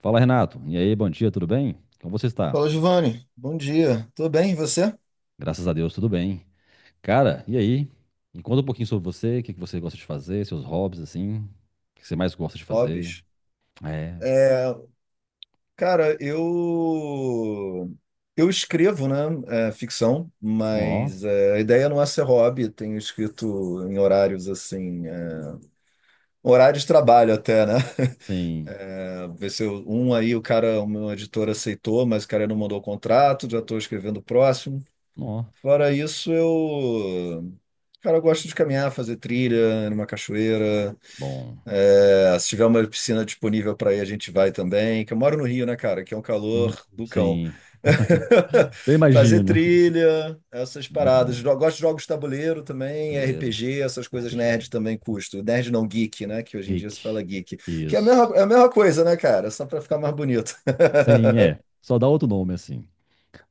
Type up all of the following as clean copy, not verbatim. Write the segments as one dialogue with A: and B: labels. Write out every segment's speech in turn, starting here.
A: Fala, Renato. E aí, bom dia, tudo bem? Como você está?
B: Fala, Giovanni. Bom dia. Tudo bem, e você?
A: Graças a Deus, tudo bem. Cara, e aí? Me conta um pouquinho sobre você, o que que você gosta de fazer, seus hobbies, assim. O que você mais gosta de fazer?
B: Hobbies.
A: É.
B: É, cara, eu escrevo, né, ficção,
A: Ó,
B: mas a ideia não é ser hobby. Tenho escrito em horários assim, horário de trabalho até, né?
A: sim.
B: É, Ver se eu- um aí o cara, o meu editor aceitou, mas o cara não mandou o contrato, já estou escrevendo o próximo.
A: Ó,
B: Fora isso, cara, eu gosto de caminhar, fazer trilha numa cachoeira.
A: bom.
B: É, se tiver uma piscina disponível para ir, a gente vai também. Que eu moro no Rio, né, cara? Que é um
A: Hum.
B: calor do cão.
A: Sim. Eu
B: Fazer
A: imagino.
B: trilha, essas
A: Muito
B: paradas.
A: bom.
B: Gosto de jogos de tabuleiro também,
A: Tabuleiro,
B: RPG, essas coisas
A: RPG.
B: nerd também custo. Nerd não geek, né? Que hoje em dia se
A: Geek.
B: fala geek. Que
A: Isso.
B: é a mesma coisa, né, cara? Só para ficar mais bonito.
A: Sim, é. Só dá outro nome, assim.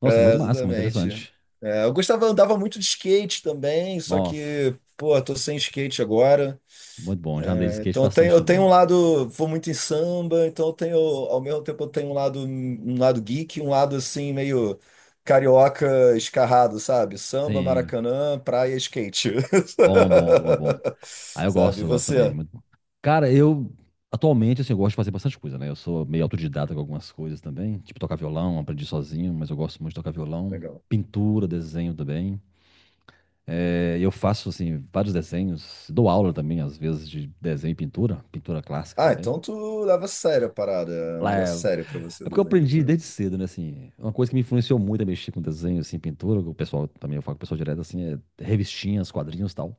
A: Nossa,
B: É,
A: muito massa, muito
B: exatamente.
A: interessante.
B: É, eu gostava, andava muito de skate também, só
A: Nossa,
B: que, pô, tô sem skate agora.
A: muito bom. Já andei de skate
B: Então
A: bastante
B: eu tenho um
A: também.
B: lado, vou muito em samba, então eu tenho, ao mesmo tempo eu tenho um lado geek, um lado assim meio carioca escarrado, sabe? Samba,
A: Sim.
B: Maracanã, praia, skate.
A: Bom, bom, bom, bom. Ah,
B: Sabe? E
A: eu gosto também,
B: você?
A: muito bom. Cara, eu atualmente assim, eu gosto de fazer bastante coisa, né? Eu sou meio autodidata com algumas coisas também, tipo tocar violão, aprendi sozinho, mas eu gosto muito de tocar violão,
B: Legal.
A: pintura, desenho também. É, eu faço assim vários desenhos, dou aula também às vezes de desenho e pintura, pintura clássica
B: Ah,
A: também.
B: então tu leva a sério a parada, é um
A: Lá é,
B: negócio sério pra você
A: é porque eu
B: desenhar.
A: aprendi desde cedo, né? Assim, uma coisa que me influenciou muito a mexer com desenho, assim, pintura. Que o pessoal também, eu falo com o pessoal direto assim, é revistinhas, quadrinhos, e tal.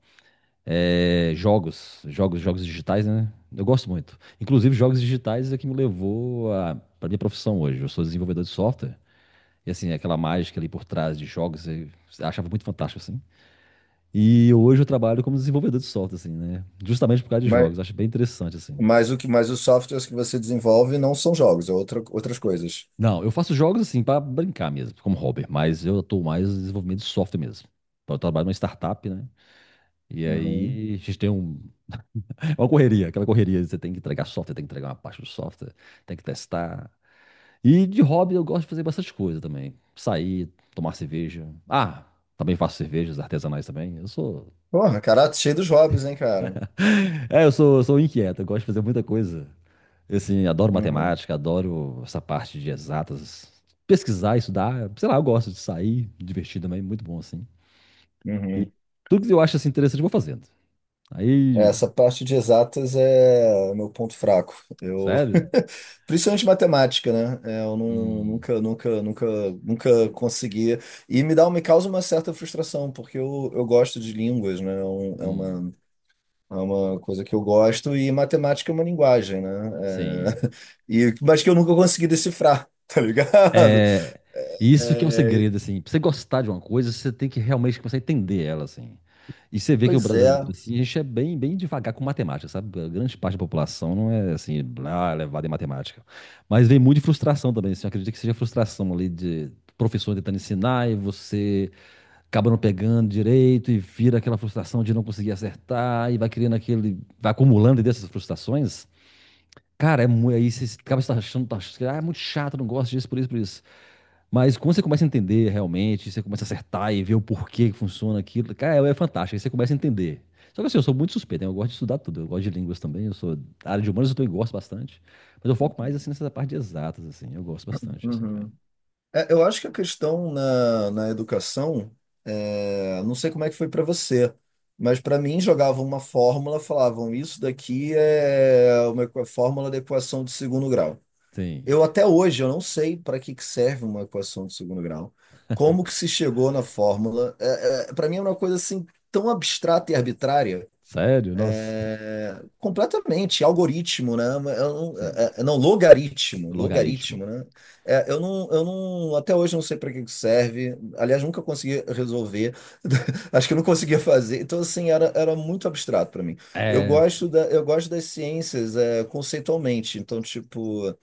A: É, jogos, jogos, jogos digitais, né? Eu gosto muito. Inclusive, jogos digitais é que me levou para minha profissão hoje. Eu sou desenvolvedor de software e, assim, é aquela mágica ali por trás de jogos, eu achava muito fantástico assim. E hoje eu trabalho como desenvolvedor de software assim, né? Justamente por causa de
B: Mas,
A: jogos, acho bem interessante assim.
B: mas o que, mas os softwares que você desenvolve não são jogos, é outra, outras coisas.
A: Não, eu faço jogos assim para brincar mesmo, como hobby, mas eu atuo mais no desenvolvimento de software mesmo. Eu trabalho numa startup, né? E
B: Uhum.
A: aí a gente tem um... É uma correria, aquela correria, você tem que entregar software, tem que entregar uma parte do software, tem que testar. E de hobby eu gosto de fazer bastante coisa também. Sair, tomar cerveja. Ah, também faço cervejas artesanais também. Eu sou.
B: Porra, cara, cheio dos hobbies, hein, cara?
A: É, eu sou, sou inquieto, eu gosto de fazer muita coisa. Assim, adoro
B: Uhum.
A: matemática, adoro essa parte de exatas. Pesquisar, estudar, sei lá, eu gosto de sair, divertir também, muito bom assim. E
B: Uhum.
A: tudo que eu acho assim interessante, eu vou fazendo.
B: É,
A: Aí,
B: essa parte de exatas é meu ponto fraco. Eu,
A: sério?
B: principalmente matemática, né? É,
A: Hum,
B: nunca, nunca, nunca, nunca conseguia. E me dá, um, me causa uma certa frustração, porque eu gosto de línguas, né?
A: hum,
B: É uma coisa que eu gosto e matemática é uma linguagem, né?
A: sim.
B: É, e, mas que eu nunca consegui decifrar, tá ligado?
A: É, isso que é um
B: É,
A: segredo, assim. Pra você gostar de uma coisa, você tem que realmente começar a entender ela, assim. E você vê que o
B: pois é.
A: brasileiro, assim, a gente é bem, bem devagar com matemática, sabe? A grande parte da população não é, assim, ah, levada em matemática. Mas vem muito de frustração também, assim. Eu acredito que seja frustração ali de professor tentando ensinar e você acaba não pegando direito e vira aquela frustração de não conseguir acertar e vai criando aquele... Vai acumulando dessas frustrações. Cara, é, mu- aí você acaba se achando, tá achando, ah, é muito chato, não gosto disso, por isso, por isso. Mas quando você começa a entender realmente, você começa a acertar e ver o porquê que funciona aquilo, cara, é fantástico, aí você começa a entender. Só que assim, eu sou muito suspeito, né? Eu gosto de estudar tudo, eu gosto de línguas também, eu sou da área de humanas, eu também gosto bastante. Mas eu foco mais assim nessa parte de exatas, assim, eu gosto bastante, assim, também.
B: Uhum. É, eu acho que a questão na educação, não sei como é que foi para você, mas para mim jogavam uma fórmula, falavam isso daqui é uma fórmula da equação de segundo grau.
A: Sim.
B: Eu até hoje eu não sei para que que serve uma equação de segundo grau, como que se chegou na fórmula. É, para mim é uma coisa assim tão abstrata e arbitrária.
A: Sério? Nossa.
B: É, completamente, algoritmo, né? Eu não, é,
A: Sim.
B: é, é, não, logaritmo, logaritmo,
A: Logaritmo.
B: né? É, eu não, até hoje eu não sei para que que serve. Aliás, nunca consegui resolver. Acho que eu não conseguia fazer. Então, assim, era, era muito abstrato para mim. Eu
A: É,
B: gosto da, eu gosto das ciências, é, conceitualmente. Então, tipo,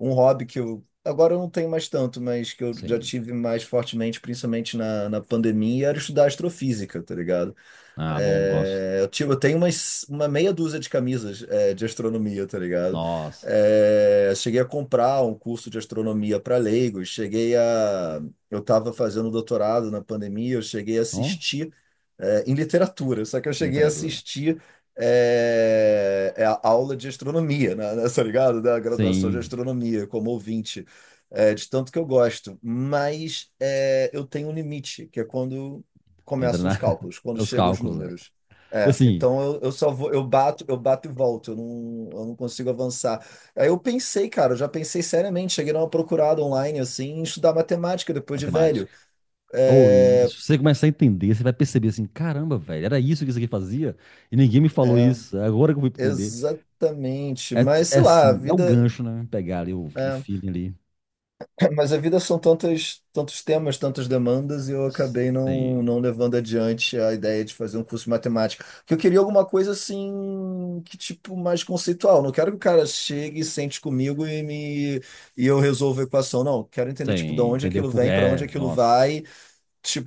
B: um hobby que eu agora eu não tenho mais tanto, mas que eu já
A: sim.
B: tive mais fortemente, principalmente na pandemia, era estudar astrofísica, tá ligado?
A: Ah, bom, gosto.
B: Eu tenho umas, uma meia dúzia de camisas, é, de astronomia, tá ligado?
A: Nossa.
B: É, cheguei a comprar um curso de astronomia para leigos, cheguei a. Eu estava fazendo doutorado na pandemia, eu cheguei a
A: Ó,
B: assistir, em literatura, só que eu cheguei a
A: literatura.
B: assistir. É a aula de astronomia, né, né, tá ligado? Da graduação de
A: Sim.
B: astronomia, como ouvinte, é, de tanto que eu gosto. Mas é, eu tenho um limite, que é quando
A: Entra
B: começam
A: na...
B: os cálculos, quando
A: Os
B: chegam os
A: cálculos, é.
B: números.
A: E
B: É,
A: assim,
B: então eu só vou, eu bato e volto, eu não consigo avançar. Aí eu pensei, cara, eu já pensei seriamente, cheguei numa procurada online, assim, em estudar matemática depois de velho.
A: matemática. Ou e
B: É,
A: você começar a entender, você vai perceber assim, caramba, velho, era isso que isso aqui fazia e ninguém me falou
B: é,
A: isso. É agora que eu vou entender.
B: exatamente,
A: É,
B: mas
A: é
B: sei lá, a
A: assim, é o
B: vida.
A: gancho, né? Pegar ali o
B: É,
A: feeling ali.
B: Mas a vida são tantos, tantos temas, tantas demandas, e eu acabei não,
A: Sim,
B: não levando adiante a ideia de fazer um curso de matemática. Porque eu queria alguma coisa assim, que tipo, mais conceitual. Não quero que o cara chegue e sente comigo e me e eu resolva a equação. Não, quero entender, tipo, de
A: sim,
B: onde
A: entendeu?
B: aquilo
A: Por,
B: vem, para onde
A: é,
B: aquilo
A: nossa.
B: vai.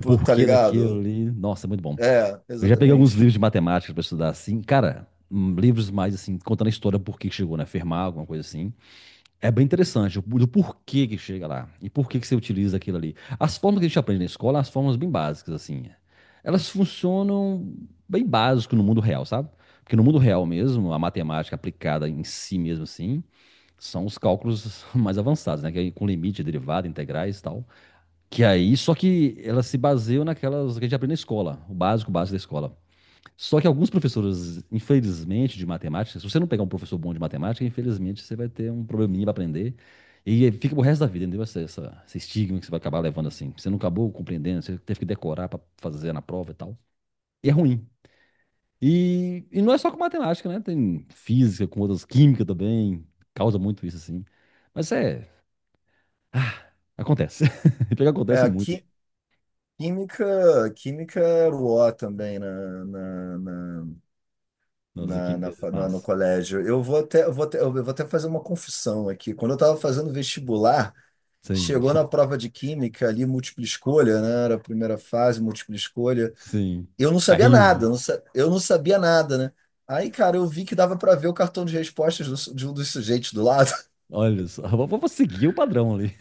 A: O
B: tá
A: porquê daquilo
B: ligado?
A: ali. Nossa, é muito bom.
B: É,
A: Eu já peguei alguns
B: exatamente.
A: livros de matemática para estudar assim, cara, livros mais assim contando a história por que que chegou, né? Fermat, alguma coisa assim. É bem interessante o- do porquê que chega lá e por que que você utiliza aquilo ali. As formas que a gente aprende na escola, as formas bem básicas, assim, é. Elas funcionam bem básico no mundo real, sabe? Porque no mundo real mesmo, a matemática aplicada em si mesmo, assim, são os cálculos mais avançados, né? Que aí com limite, derivada, integrais e tal. Que aí, só que elas se baseiam naquelas que a gente aprende na escola, o básico, básico da escola. Só que alguns professores, infelizmente, de matemática, se você não pegar um professor bom de matemática, infelizmente você vai ter um probleminha para aprender. E fica pro resto da vida, entendeu? Esse estigma que você vai acabar levando assim. Você não acabou compreendendo, você teve que decorar para fazer na prova e tal. E é ruim. E não é só com matemática, né? Tem física, com outras química também. Causa muito isso, assim. Mas é. Ah, acontece. Pior que
B: É,
A: acontece muito, hein?
B: química, química era o O também
A: Nossa, química,
B: no
A: mas.
B: colégio. Eu vou até fazer uma confissão aqui. Quando eu estava fazendo vestibular,
A: Sim,
B: chegou na prova de química ali, múltipla escolha, né? Era a primeira fase, múltipla escolha.
A: sim.
B: Eu não sabia
A: Terrível.
B: nada, eu não sabia nada, né? Aí, cara, eu vi que dava para ver o cartão de respostas de um dos sujeitos do lado.
A: Olha só. Vou seguir o padrão ali.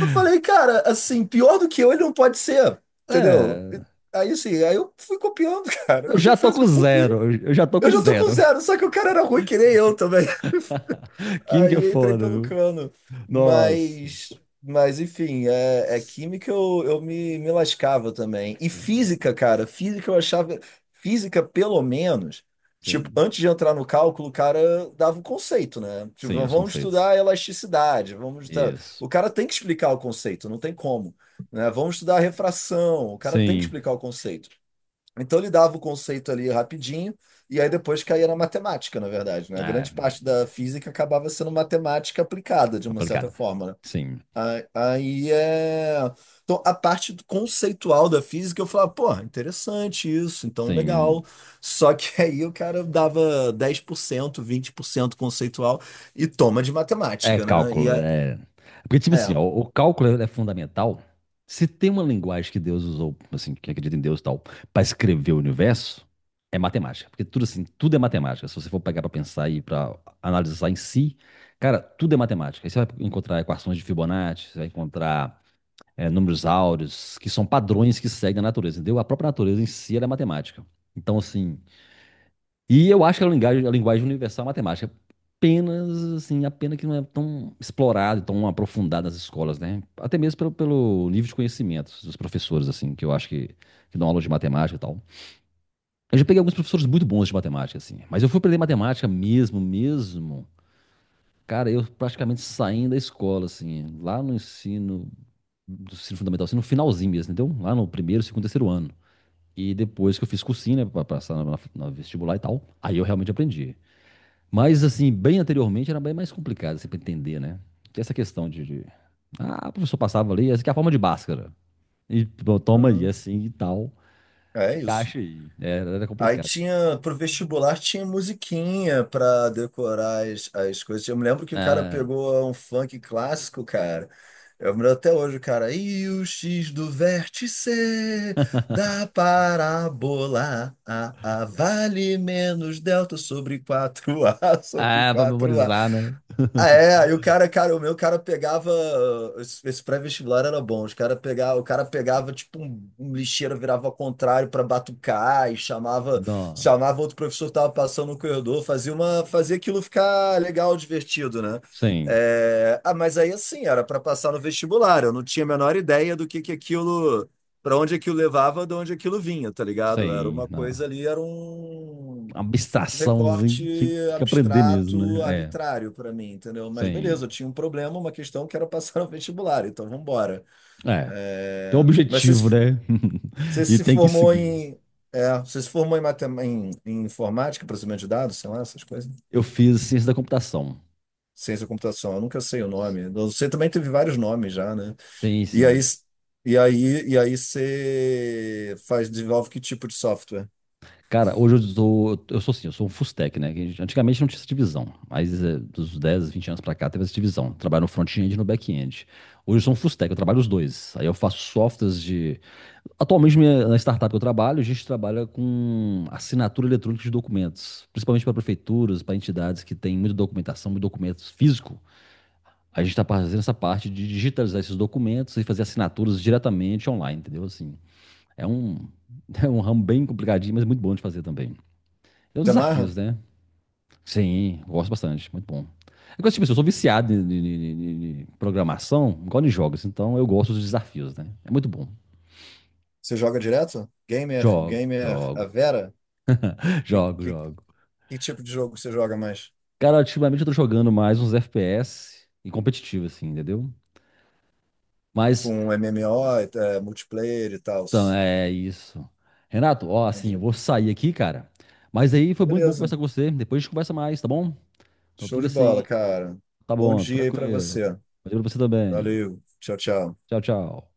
B: Eu falei, cara, assim, pior do que eu, ele não pode ser, entendeu?
A: É.
B: Aí eu fui copiando, cara. Eu
A: Eu já tô
B: confesso que
A: com
B: eu copiei.
A: zero. Eu já tô com
B: Eu já tô com
A: zero.
B: zero, só que o cara era ruim que nem eu também.
A: Química é
B: Aí entrei
A: foda,
B: pelo
A: viu?
B: cano.
A: Nossa.
B: Mas, mas enfim, é
A: Sim,
B: química eu, me lascava também. E física, cara, física eu achava. Física, pelo menos, tipo,
A: sim.
B: antes de entrar no cálculo, o cara dava o conceito, né? Tipo,
A: Sim, os
B: vamos
A: conceitos.
B: estudar elasticidade,
A: Isso.
B: o cara tem que explicar o conceito, não tem como. Né? Vamos estudar refração, o cara tem que
A: Sim.
B: explicar o conceito. Então ele dava o conceito ali rapidinho, e aí depois caía na matemática, na verdade, né? A
A: Ah,
B: grande parte da física acabava sendo matemática aplicada, de uma certa
A: aplicada.
B: forma, né?
A: Sim,
B: Aí é. Então, conceitual da física, eu falava, pô, interessante isso, então
A: sim.
B: legal. Só que aí o cara dava dez por cento vinte por cento conceitual e toma de
A: É
B: matemática, né? E
A: cálculo,
B: é.
A: é. Porque, tipo assim,
B: É.
A: ó, o cálculo é fundamental. Se tem uma linguagem que Deus usou, assim, que acredita em Deus e tal, para escrever o universo, é matemática. Porque tudo assim, tudo é matemática. Se você for pegar para pensar e para analisar em si, cara, tudo é matemática. Aí você vai encontrar equações de Fibonacci, você vai encontrar é, números áureos, que são padrões que seguem a natureza, entendeu? A própria natureza em si, ela é matemática. Então, assim, e eu acho que a linguagem universal é matemática. Apenas, assim, a pena que não é tão explorada, tão aprofundada nas escolas, né? Até mesmo pelo nível de conhecimento dos professores, assim, que eu acho que dão aula de matemática e tal. Eu já peguei alguns professores muito bons de matemática, assim. Mas eu fui aprender matemática mesmo, mesmo. Cara, eu praticamente saindo da escola, assim, lá no ensino, do ensino fundamental, assim, no finalzinho mesmo, entendeu? Lá no primeiro, segundo, terceiro ano. E depois que eu fiz cursinho, né, pra passar na vestibular e tal, aí eu realmente aprendi. Mas, assim, bem anteriormente era bem mais complicado, assim, para entender, né? Que essa questão Ah, o professor passava ali, essa aqui é a forma de Bhaskara. E pô, toma aí,
B: Uhum.
A: assim, e tal.
B: É
A: E
B: isso.
A: acha aí. Era, era
B: Aí
A: complicado.
B: tinha, pro vestibular tinha musiquinha pra decorar as, as coisas. Eu me lembro que o cara
A: Ah.
B: pegou um funk clássico, cara. Eu me lembro até hoje, o cara. E o X do vértice da parábola A vale menos delta sobre quatro a sobre
A: Ah, pra
B: 4A.
A: memorizar, né?
B: Ah, é, aí o cara, cara, o meu cara pegava. Esse, esse pré-vestibular era bom. Os cara pegava, o cara pegava tipo um lixeiro, virava ao contrário para batucar e chamava,
A: Não.
B: chamava outro professor que tava passando no corredor, fazia uma, fazia aquilo ficar legal, divertido, né?
A: Sim,
B: É, ah, mas aí assim, era para passar no vestibular. Eu não tinha a menor ideia do que aquilo, para onde aquilo levava, de onde aquilo vinha, tá ligado? Era
A: sim.
B: uma coisa
A: Não.
B: ali, era
A: Uma
B: um
A: abstração, assim,
B: recorte
A: que tinha que aprender mesmo,
B: abstrato,
A: né? É,
B: arbitrário para mim, entendeu? Mas beleza,
A: sim.
B: eu tinha um problema, uma questão que era passar no vestibular, então vamos embora.
A: É, tem um
B: É, Mas você,
A: objetivo,
B: se-
A: né?
B: você
A: E
B: se
A: tem que
B: formou
A: seguir. Isso.
B: em, você se formou em, em informática, processamento de dados, sei lá, essas coisas.
A: Eu fiz ciência da computação.
B: Ciência da computação, eu nunca sei o nome. Eu sei também teve vários nomes já, né?
A: Sim,
B: E aí,
A: sim.
B: e aí você faz, desenvolve que tipo de software?
A: Cara, hoje eu sou assim, eu sou um full stack, né? Que antigamente não tinha essa divisão, mas dos 10, 20 anos pra cá teve essa divisão. Trabalho no front-end e no back-end. Hoje eu sou um full stack, eu trabalho os dois. Aí eu faço softwares de... Atualmente na startup que eu trabalho, a gente trabalha com assinatura eletrônica de documentos, principalmente para prefeituras, para entidades que têm muita documentação, muito documento físico. A gente tá fazendo essa parte de digitalizar esses documentos e fazer assinaturas diretamente online, entendeu? Assim, é um, é um ramo bem complicadinho, mas muito bom de fazer também. Tem os
B: Você
A: desafios,
B: amarra?
A: né? Sim, gosto bastante, muito bom. É coisa, tipo, assim, eu sou viciado em, em programação, igual em jogos, então eu gosto dos desafios, né? É muito bom.
B: Você joga direto? Gamer,
A: Jogo,
B: gamer, a
A: jogo,
B: Vera? O
A: jogo,
B: que,
A: jogo.
B: Que tipo de jogo você joga mais?
A: Cara, ultimamente eu tô jogando mais uns FPS e competitivo, assim, entendeu? Mas,
B: Com MMO, é, multiplayer e tal.
A: então, é isso. Renato, ó, assim, eu
B: Entendi.
A: vou sair aqui, cara. Mas aí foi muito bom
B: Beleza.
A: conversar com você. Depois a gente conversa mais, tá bom? Então
B: Show
A: fica
B: de
A: assim,
B: bola, cara.
A: tá
B: Bom
A: bom,
B: dia aí pra
A: tranquilo.
B: você.
A: Valeu pra você também.
B: Valeu. Tchau, tchau.
A: Tchau, tchau.